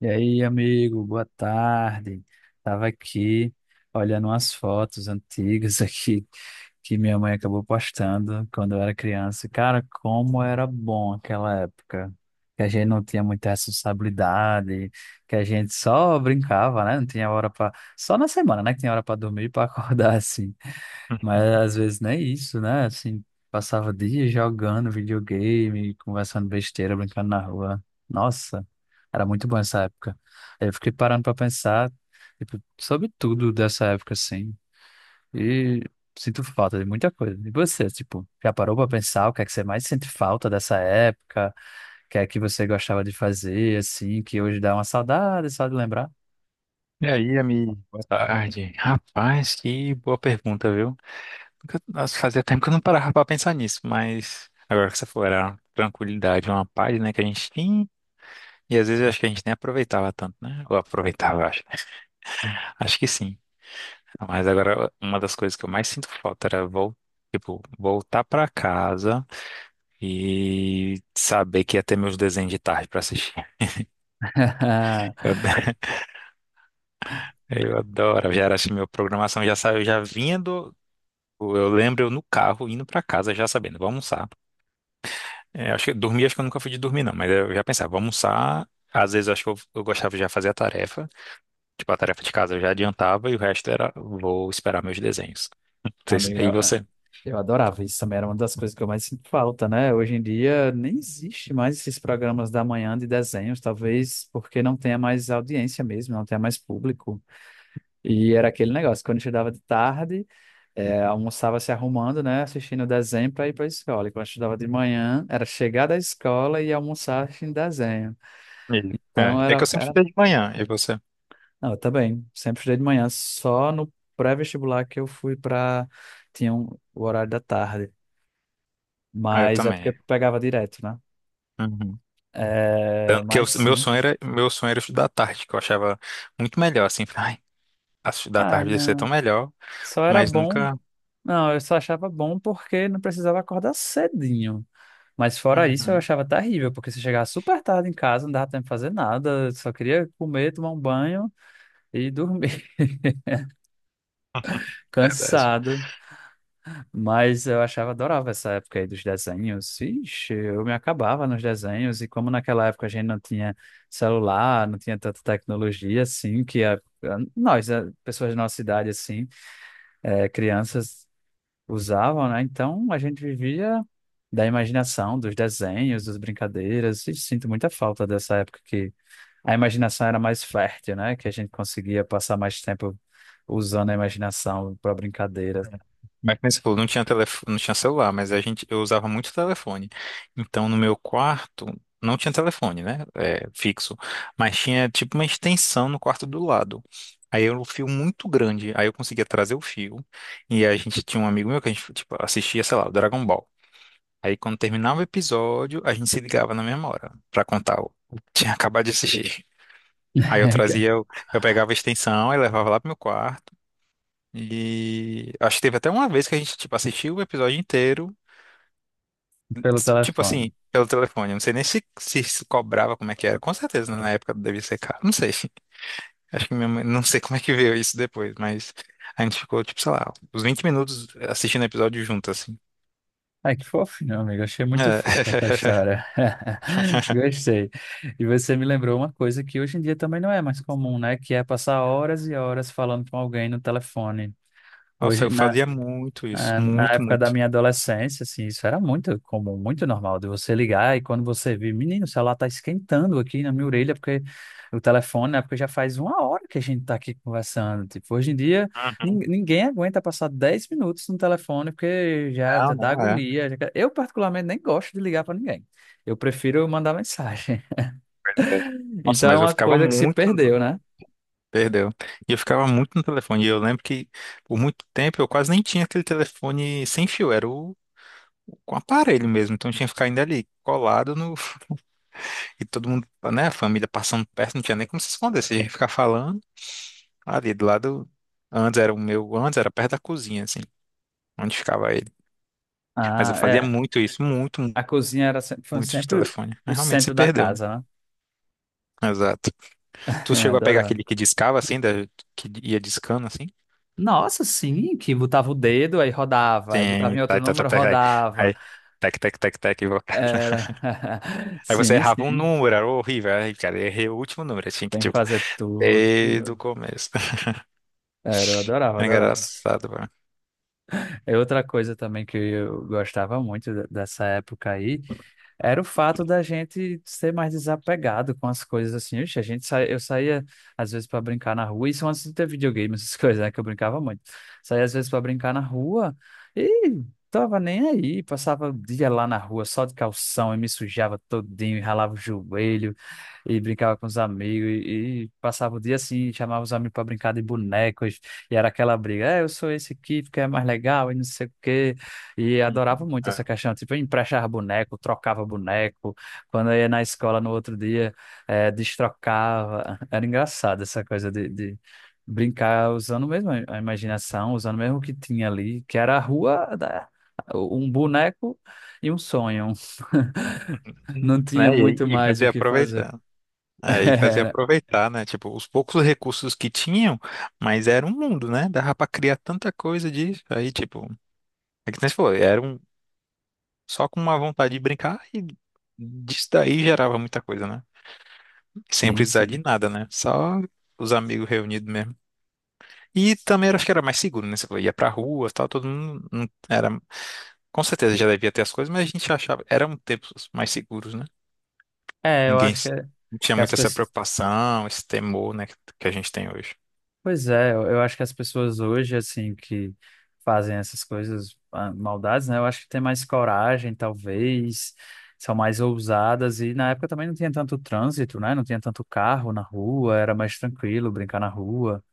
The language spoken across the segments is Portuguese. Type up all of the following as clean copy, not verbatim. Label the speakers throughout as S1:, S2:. S1: E aí, amigo, boa tarde. Tava aqui olhando umas fotos antigas aqui que minha mãe acabou postando quando eu era criança. Cara, como era bom aquela época, que a gente não tinha muita responsabilidade, que a gente só brincava, né? Não tinha hora para só na semana, né? Que tinha hora para dormir e para acordar assim. Mas às vezes nem isso, né? Assim, passava dias jogando videogame, conversando besteira, brincando na rua. Nossa, era muito bom essa época. Aí eu fiquei parando pra pensar, tipo, sobre tudo dessa época, assim. E sinto falta de muita coisa. E você, tipo, já parou pra pensar o que é que você mais sente falta dessa época? O que é que você gostava de fazer, assim, que hoje dá uma saudade só de lembrar?
S2: E aí, amigo? Boa tarde. Rapaz, que boa pergunta, viu? Nossa, fazia tempo que eu não parava pra pensar nisso, mas agora que você falou, era uma tranquilidade, uma paz, né, que a gente tinha, e às vezes eu acho que a gente nem aproveitava tanto, né? Ou aproveitava, eu acho. Acho que sim. Mas agora, uma das coisas que eu mais sinto falta era vol tipo, voltar pra casa e saber que ia ter meus desenhos de tarde pra assistir. Eu, eu adoro, já era assim, minha programação já saiu, já vinha. Eu lembro eu no carro indo pra casa já sabendo, vou almoçar. É, acho que dormir, acho que eu nunca fui de dormir, não, mas eu já pensava, vou almoçar. Às vezes eu acho que eu gostava de já fazer a tarefa, tipo a tarefa de casa eu já adiantava e o resto era vou esperar meus desenhos.
S1: Amigo,
S2: E você?
S1: eu adorava isso também, era uma das coisas que eu mais sinto falta, né? Hoje em dia nem existe mais esses programas da manhã de desenhos, talvez porque não tenha mais audiência mesmo, não tenha mais público. E era aquele negócio, quando eu estudava de tarde, é, almoçava se arrumando, né? Assistindo o desenho para ir para a escola. E quando eu estudava de manhã, era chegar da escola e almoçar assistindo desenho.
S2: E- É,
S1: Então
S2: é que
S1: era,
S2: eu sempre
S1: era.
S2: fiz de manhã, e você?
S1: Não, eu também, sempre estudei de manhã, só no pré-vestibular que eu fui para. Tinha um- o horário da tarde.
S2: Ah, eu
S1: Mas é
S2: também.
S1: porque
S2: É.
S1: pegava direto, né?
S2: Uhum.
S1: É,
S2: Tanto que
S1: mas sim.
S2: meu sonho era estudar à tarde, que eu achava muito melhor, assim. Ai, estudar à
S1: Ai,
S2: tarde ia ser tão
S1: não.
S2: melhor,
S1: Só era
S2: mas
S1: bom.
S2: nunca.
S1: Não, eu só achava bom porque não precisava acordar cedinho. Mas fora isso, eu
S2: Uhum,
S1: achava terrível, porque se chegava super tarde em casa, não dava tempo de fazer nada, só queria comer, tomar um banho e dormir,
S2: verdade.
S1: cansado. Mas eu achava, adorava essa época aí dos desenhos. Ixi, eu me acabava nos desenhos, e como naquela época a gente não tinha celular, não tinha tanta tecnologia assim, que nós, pessoas da nossa idade assim, é, crianças usavam, né? Então a gente vivia da imaginação, dos desenhos, das brincadeiras, e sinto muita falta dessa época que a imaginação era mais fértil, né? Que a gente conseguia passar mais tempo usando a imaginação para brincadeira
S2: Mas como você falou, não tinha telefone, não tinha celular, mas a gente, eu usava muito telefone. Então, no meu quarto, não tinha telefone, né? É, fixo. Mas tinha tipo uma extensão no quarto do lado. Aí era um fio muito grande. Aí eu conseguia trazer o fio. E a gente tinha um amigo meu que a gente, tipo, assistia, sei lá, o Dragon Ball. Aí quando terminava o episódio, a gente se ligava na mesma hora pra contar o que tinha acabado de assistir. Aí eu
S1: que-
S2: trazia, eu pegava a extensão e levava lá pro meu quarto. E acho que teve até uma vez que a gente, tipo, assistiu o episódio inteiro,
S1: pelo
S2: tipo
S1: telefone.
S2: assim, pelo telefone. Eu não sei nem se, se cobrava como é que era. Com certeza, na época devia ser caro. Não sei. Acho que minha mãe, não sei como é que veio isso depois, mas a gente ficou, tipo, sei lá, uns 20 minutos assistindo o episódio junto, assim.
S1: Ai, que fofo, meu amigo. Achei muito fofo essa
S2: É.
S1: história. Gostei. E você me lembrou uma coisa que hoje em dia também não é mais comum, né? Que é passar horas e horas falando com alguém no telefone.
S2: Nossa,
S1: Hoje,
S2: eu
S1: na,
S2: fazia muito isso,
S1: É, na
S2: muito,
S1: época da
S2: muito.
S1: minha adolescência, assim, isso era muito comum, muito normal de você ligar e quando você vê, menino, o celular tá esquentando aqui na minha orelha, porque o telefone, né, porque já faz uma hora que a gente tá aqui conversando. Tipo, hoje em dia, ninguém aguenta passar 10 minutos no telefone, porque já já
S2: Não,
S1: dá
S2: não é.
S1: agonia. Eu, particularmente, nem gosto de ligar para ninguém. Eu prefiro mandar mensagem.
S2: É. Nossa,
S1: Então, é
S2: mas eu
S1: uma
S2: ficava
S1: coisa que se
S2: muito.
S1: perdeu, né?
S2: Perdeu. E eu ficava muito no telefone. E eu lembro que por muito tempo eu quase nem tinha aquele telefone sem fio, era o com aparelho mesmo. Então eu tinha que ficar ainda ali colado no. E todo mundo, né? A família passando perto, não tinha nem como se esconder. Você ia ficar falando ali do lado. Antes era o meu, antes era perto da cozinha, assim, onde ficava ele. Mas eu
S1: Ah,
S2: fazia
S1: é.
S2: muito isso, muito,
S1: A cozinha era, foi
S2: muito de
S1: sempre
S2: telefone.
S1: o
S2: Mas realmente se
S1: centro da
S2: perdeu, né?
S1: casa, né?
S2: Exato. Tu
S1: É,
S2: chegou a pegar
S1: adorava.
S2: aquele que discava, assim, da... que ia discando, assim?
S1: Nossa, sim, que botava o dedo, aí rodava, aí botava
S2: Sim,
S1: em outro
S2: tá, tá, tá,
S1: número,
S2: tá, aí,
S1: rodava.
S2: aí, tec, tec, tec, tec,
S1: Era.
S2: aí você
S1: Sim,
S2: errava um
S1: sim,
S2: número, era horrível, aí, cara, eu errei o último número, eu tinha que,
S1: tem que
S2: tipo,
S1: fazer tudo.
S2: desde o começo.
S1: Era, eu adorava,
S2: É
S1: adorava.
S2: engraçado, velho.
S1: É outra coisa também que eu gostava muito dessa época aí. Era o fato da gente ser mais desapegado com as coisas assim. Ixi, eu saía às vezes para brincar na rua, isso antes de ter videogame, essas coisas, né, que eu brincava muito. Saía às vezes para brincar na rua e tava nem aí, passava o dia lá na rua só de calção e me sujava todinho, e ralava o joelho e brincava com os amigos e passava o dia assim, e chamava os amigos para brincar de bonecos e era aquela briga, é, eu sou esse aqui porque é mais legal e não sei o quê. E adorava
S2: Uhum.
S1: muito essa
S2: É.
S1: questão, tipo, eu emprestava boneco, trocava boneco, quando eu ia na escola no outro dia, destrocava. Era engraçado essa coisa de brincar usando mesmo a imaginação, usando mesmo o que tinha ali, que era a rua, um boneco e um sonho. Não tinha
S2: Né?
S1: muito
S2: E
S1: mais o
S2: fazia
S1: que fazer.
S2: aproveitar. É, e fazia
S1: Era-
S2: aproveitar, né? Tipo, os poucos recursos que tinham, mas era um mundo, né? Dava pra criar tanta coisa disso. Aí, tipo, é que nem você falou, era um, só com uma vontade de brincar e disso daí gerava muita coisa, né? Sem
S1: Sim,
S2: precisar
S1: sim.
S2: de nada, né? Só os amigos reunidos mesmo. E também acho que era mais seguro, né? Você falou, ia pra rua, tal, todo mundo era, com certeza já devia ter as coisas, mas a gente achava, eram tempos mais seguros, né?
S1: É, eu
S2: Ninguém
S1: acho que, é,
S2: não tinha
S1: que as
S2: muito essa
S1: pessoas.
S2: preocupação, esse temor, né, que a gente tem hoje.
S1: Pois é, eu acho que as pessoas hoje, assim, que fazem essas coisas, ah, maldades, né? Eu acho que tem mais coragem, talvez, são mais ousadas. E na época também não tinha tanto trânsito, né? Não tinha tanto carro na rua, era mais tranquilo brincar na rua.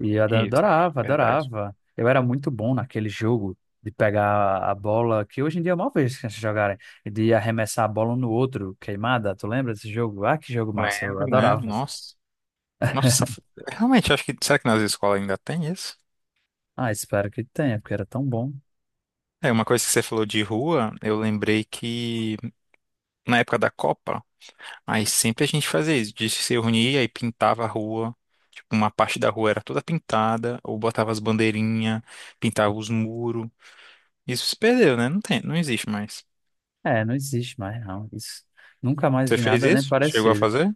S1: E eu ado-
S2: Isso, também,
S1: adorava,
S2: verdade.
S1: adorava. Eu era muito bom naquele jogo de pegar a bola, que hoje em dia é mal vez que eles jogarem, e de arremessar a bola um no outro, queimada. Tu lembra desse jogo? Ah, que jogo massa, eu
S2: Lembro, lembro,
S1: adorava.
S2: nossa. Nossa, realmente, acho que, será que nas escolas ainda tem isso?
S1: Ah, espero que tenha, porque era tão bom.
S2: É, uma coisa que você falou de rua, eu lembrei que na época da Copa, aí sempre a gente fazia isso, de se reunir, aí pintava a rua, tipo, uma parte da rua era toda pintada, ou botava as bandeirinhas, pintava os muros. Isso se perdeu, né? Não tem, não existe mais.
S1: É, não existe mais, não. Isso. Nunca mais
S2: Você
S1: vi
S2: fez
S1: nada nem
S2: isso? Chegou a
S1: parecido.
S2: fazer?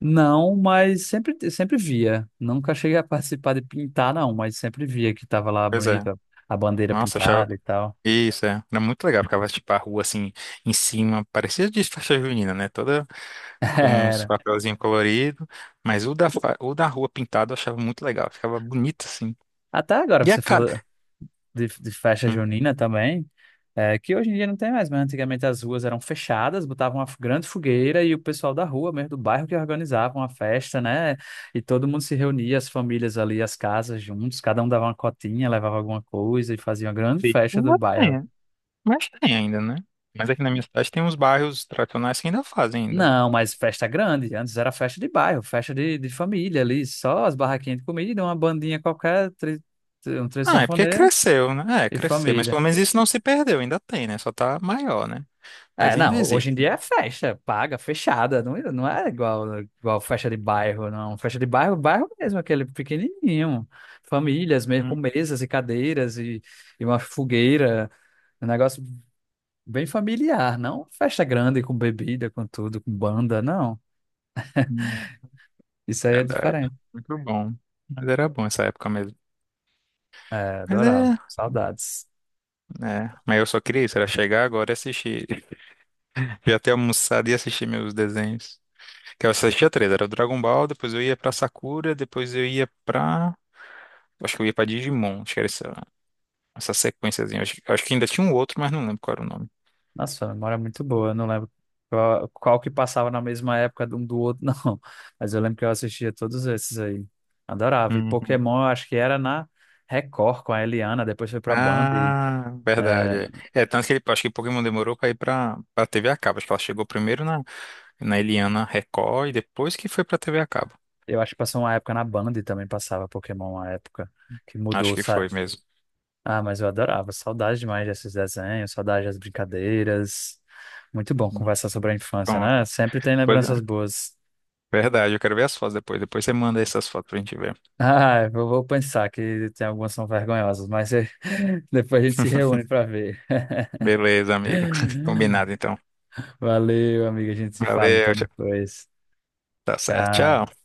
S1: Não, mas sempre, sempre via. Nunca cheguei a participar de pintar, não, mas sempre via que tava lá
S2: Pois é.
S1: bonita a bandeira
S2: Nossa, achava...
S1: pintada e tal.
S2: Isso, é. Era muito legal, ficava, tipo, a rua, assim, em cima, parecia de festa junina, né? Toda com os
S1: Era.
S2: papelzinhos coloridos, mas o da rua pintado eu achava muito legal, ficava bonito, assim.
S1: Até agora
S2: E a
S1: você
S2: cara...
S1: falou, de festa
S2: Hum.
S1: junina também, é, que hoje em dia não tem mais, mas antigamente as ruas eram fechadas, botavam uma grande fogueira e o pessoal da rua, mesmo do bairro, que organizavam a festa, né? E todo mundo se reunia, as famílias ali, as casas juntos, cada um dava uma cotinha, levava alguma coisa e fazia uma grande
S2: Sim.
S1: festa do bairro.
S2: Mas tem ainda, né? Mas aqui na minha cidade tem uns bairros tradicionais que ainda fazem ainda.
S1: Não, mas festa grande. Antes era festa de bairro, festa de família ali, só as barraquinhas de comida, uma bandinha qualquer, um trio
S2: Ah, é porque
S1: sanfoneiro
S2: cresceu, né? É,
S1: e
S2: cresceu. Mas
S1: família.
S2: pelo menos isso não se perdeu, ainda tem, né? Só tá maior, né?
S1: É,
S2: Mas ainda
S1: não,
S2: existe.
S1: hoje em dia é festa, paga, fechada, não, não é igual, igual festa de bairro, não. Festa de bairro, bairro mesmo, aquele pequenininho, famílias mesmo, com
S2: Hum,
S1: mesas e cadeiras e uma fogueira, um negócio bem familiar, não festa grande com bebida, com tudo, com banda, não.
S2: hum.
S1: Isso aí é
S2: Verdade.
S1: diferente.
S2: Muito bom. Mas era bom essa época mesmo.
S1: É,
S2: Mas
S1: adorava,
S2: é,
S1: saudades.
S2: é. Mas eu só queria isso, era chegar agora e assistir. Já ter almoçado e assistir meus desenhos. Que eu assistia três, era o Dragon Ball, depois eu ia pra Sakura, depois eu ia pra. Acho que eu ia pra Digimon, acho que era isso. Essa sequenciazinha. Acho que ainda tinha um outro, mas não lembro qual era o nome.
S1: Nossa, sua memória é muito boa. Eu não lembro qual que passava na mesma época de um do outro, não. Mas eu lembro que eu assistia todos esses aí. Adorava. E
S2: Uhum.
S1: Pokémon, eu acho que era na Record com a Eliana, depois foi pra Band. E,
S2: Ah,
S1: é,
S2: verdade. É, tanto que ele, acho que Pokémon demorou pra ir pra TV a cabo. Acho que ela chegou primeiro na, na Eliana Record e depois que foi pra TV a cabo.
S1: eu acho que passou uma época na Band também passava Pokémon, uma época que
S2: Acho
S1: mudou,
S2: que
S1: sabe?
S2: foi mesmo.
S1: Ah, mas eu adorava. Saudade demais desses desenhos, saudade das brincadeiras. Muito bom
S2: Uhum.
S1: conversar sobre a infância,
S2: Pronto.
S1: né? Sempre tem
S2: Pois é.
S1: lembranças boas.
S2: Verdade, eu quero ver as fotos depois. Depois você manda essas fotos pra gente ver.
S1: Ah, eu vou pensar que tem algumas que são vergonhosas, mas depois a gente se reúne para ver.
S2: Beleza, amigo. Combinado, então.
S1: Valeu, amiga. A gente se fala
S2: Valeu,
S1: então
S2: tchau.
S1: depois.
S2: Tá certo.
S1: Tchau.
S2: Tchau.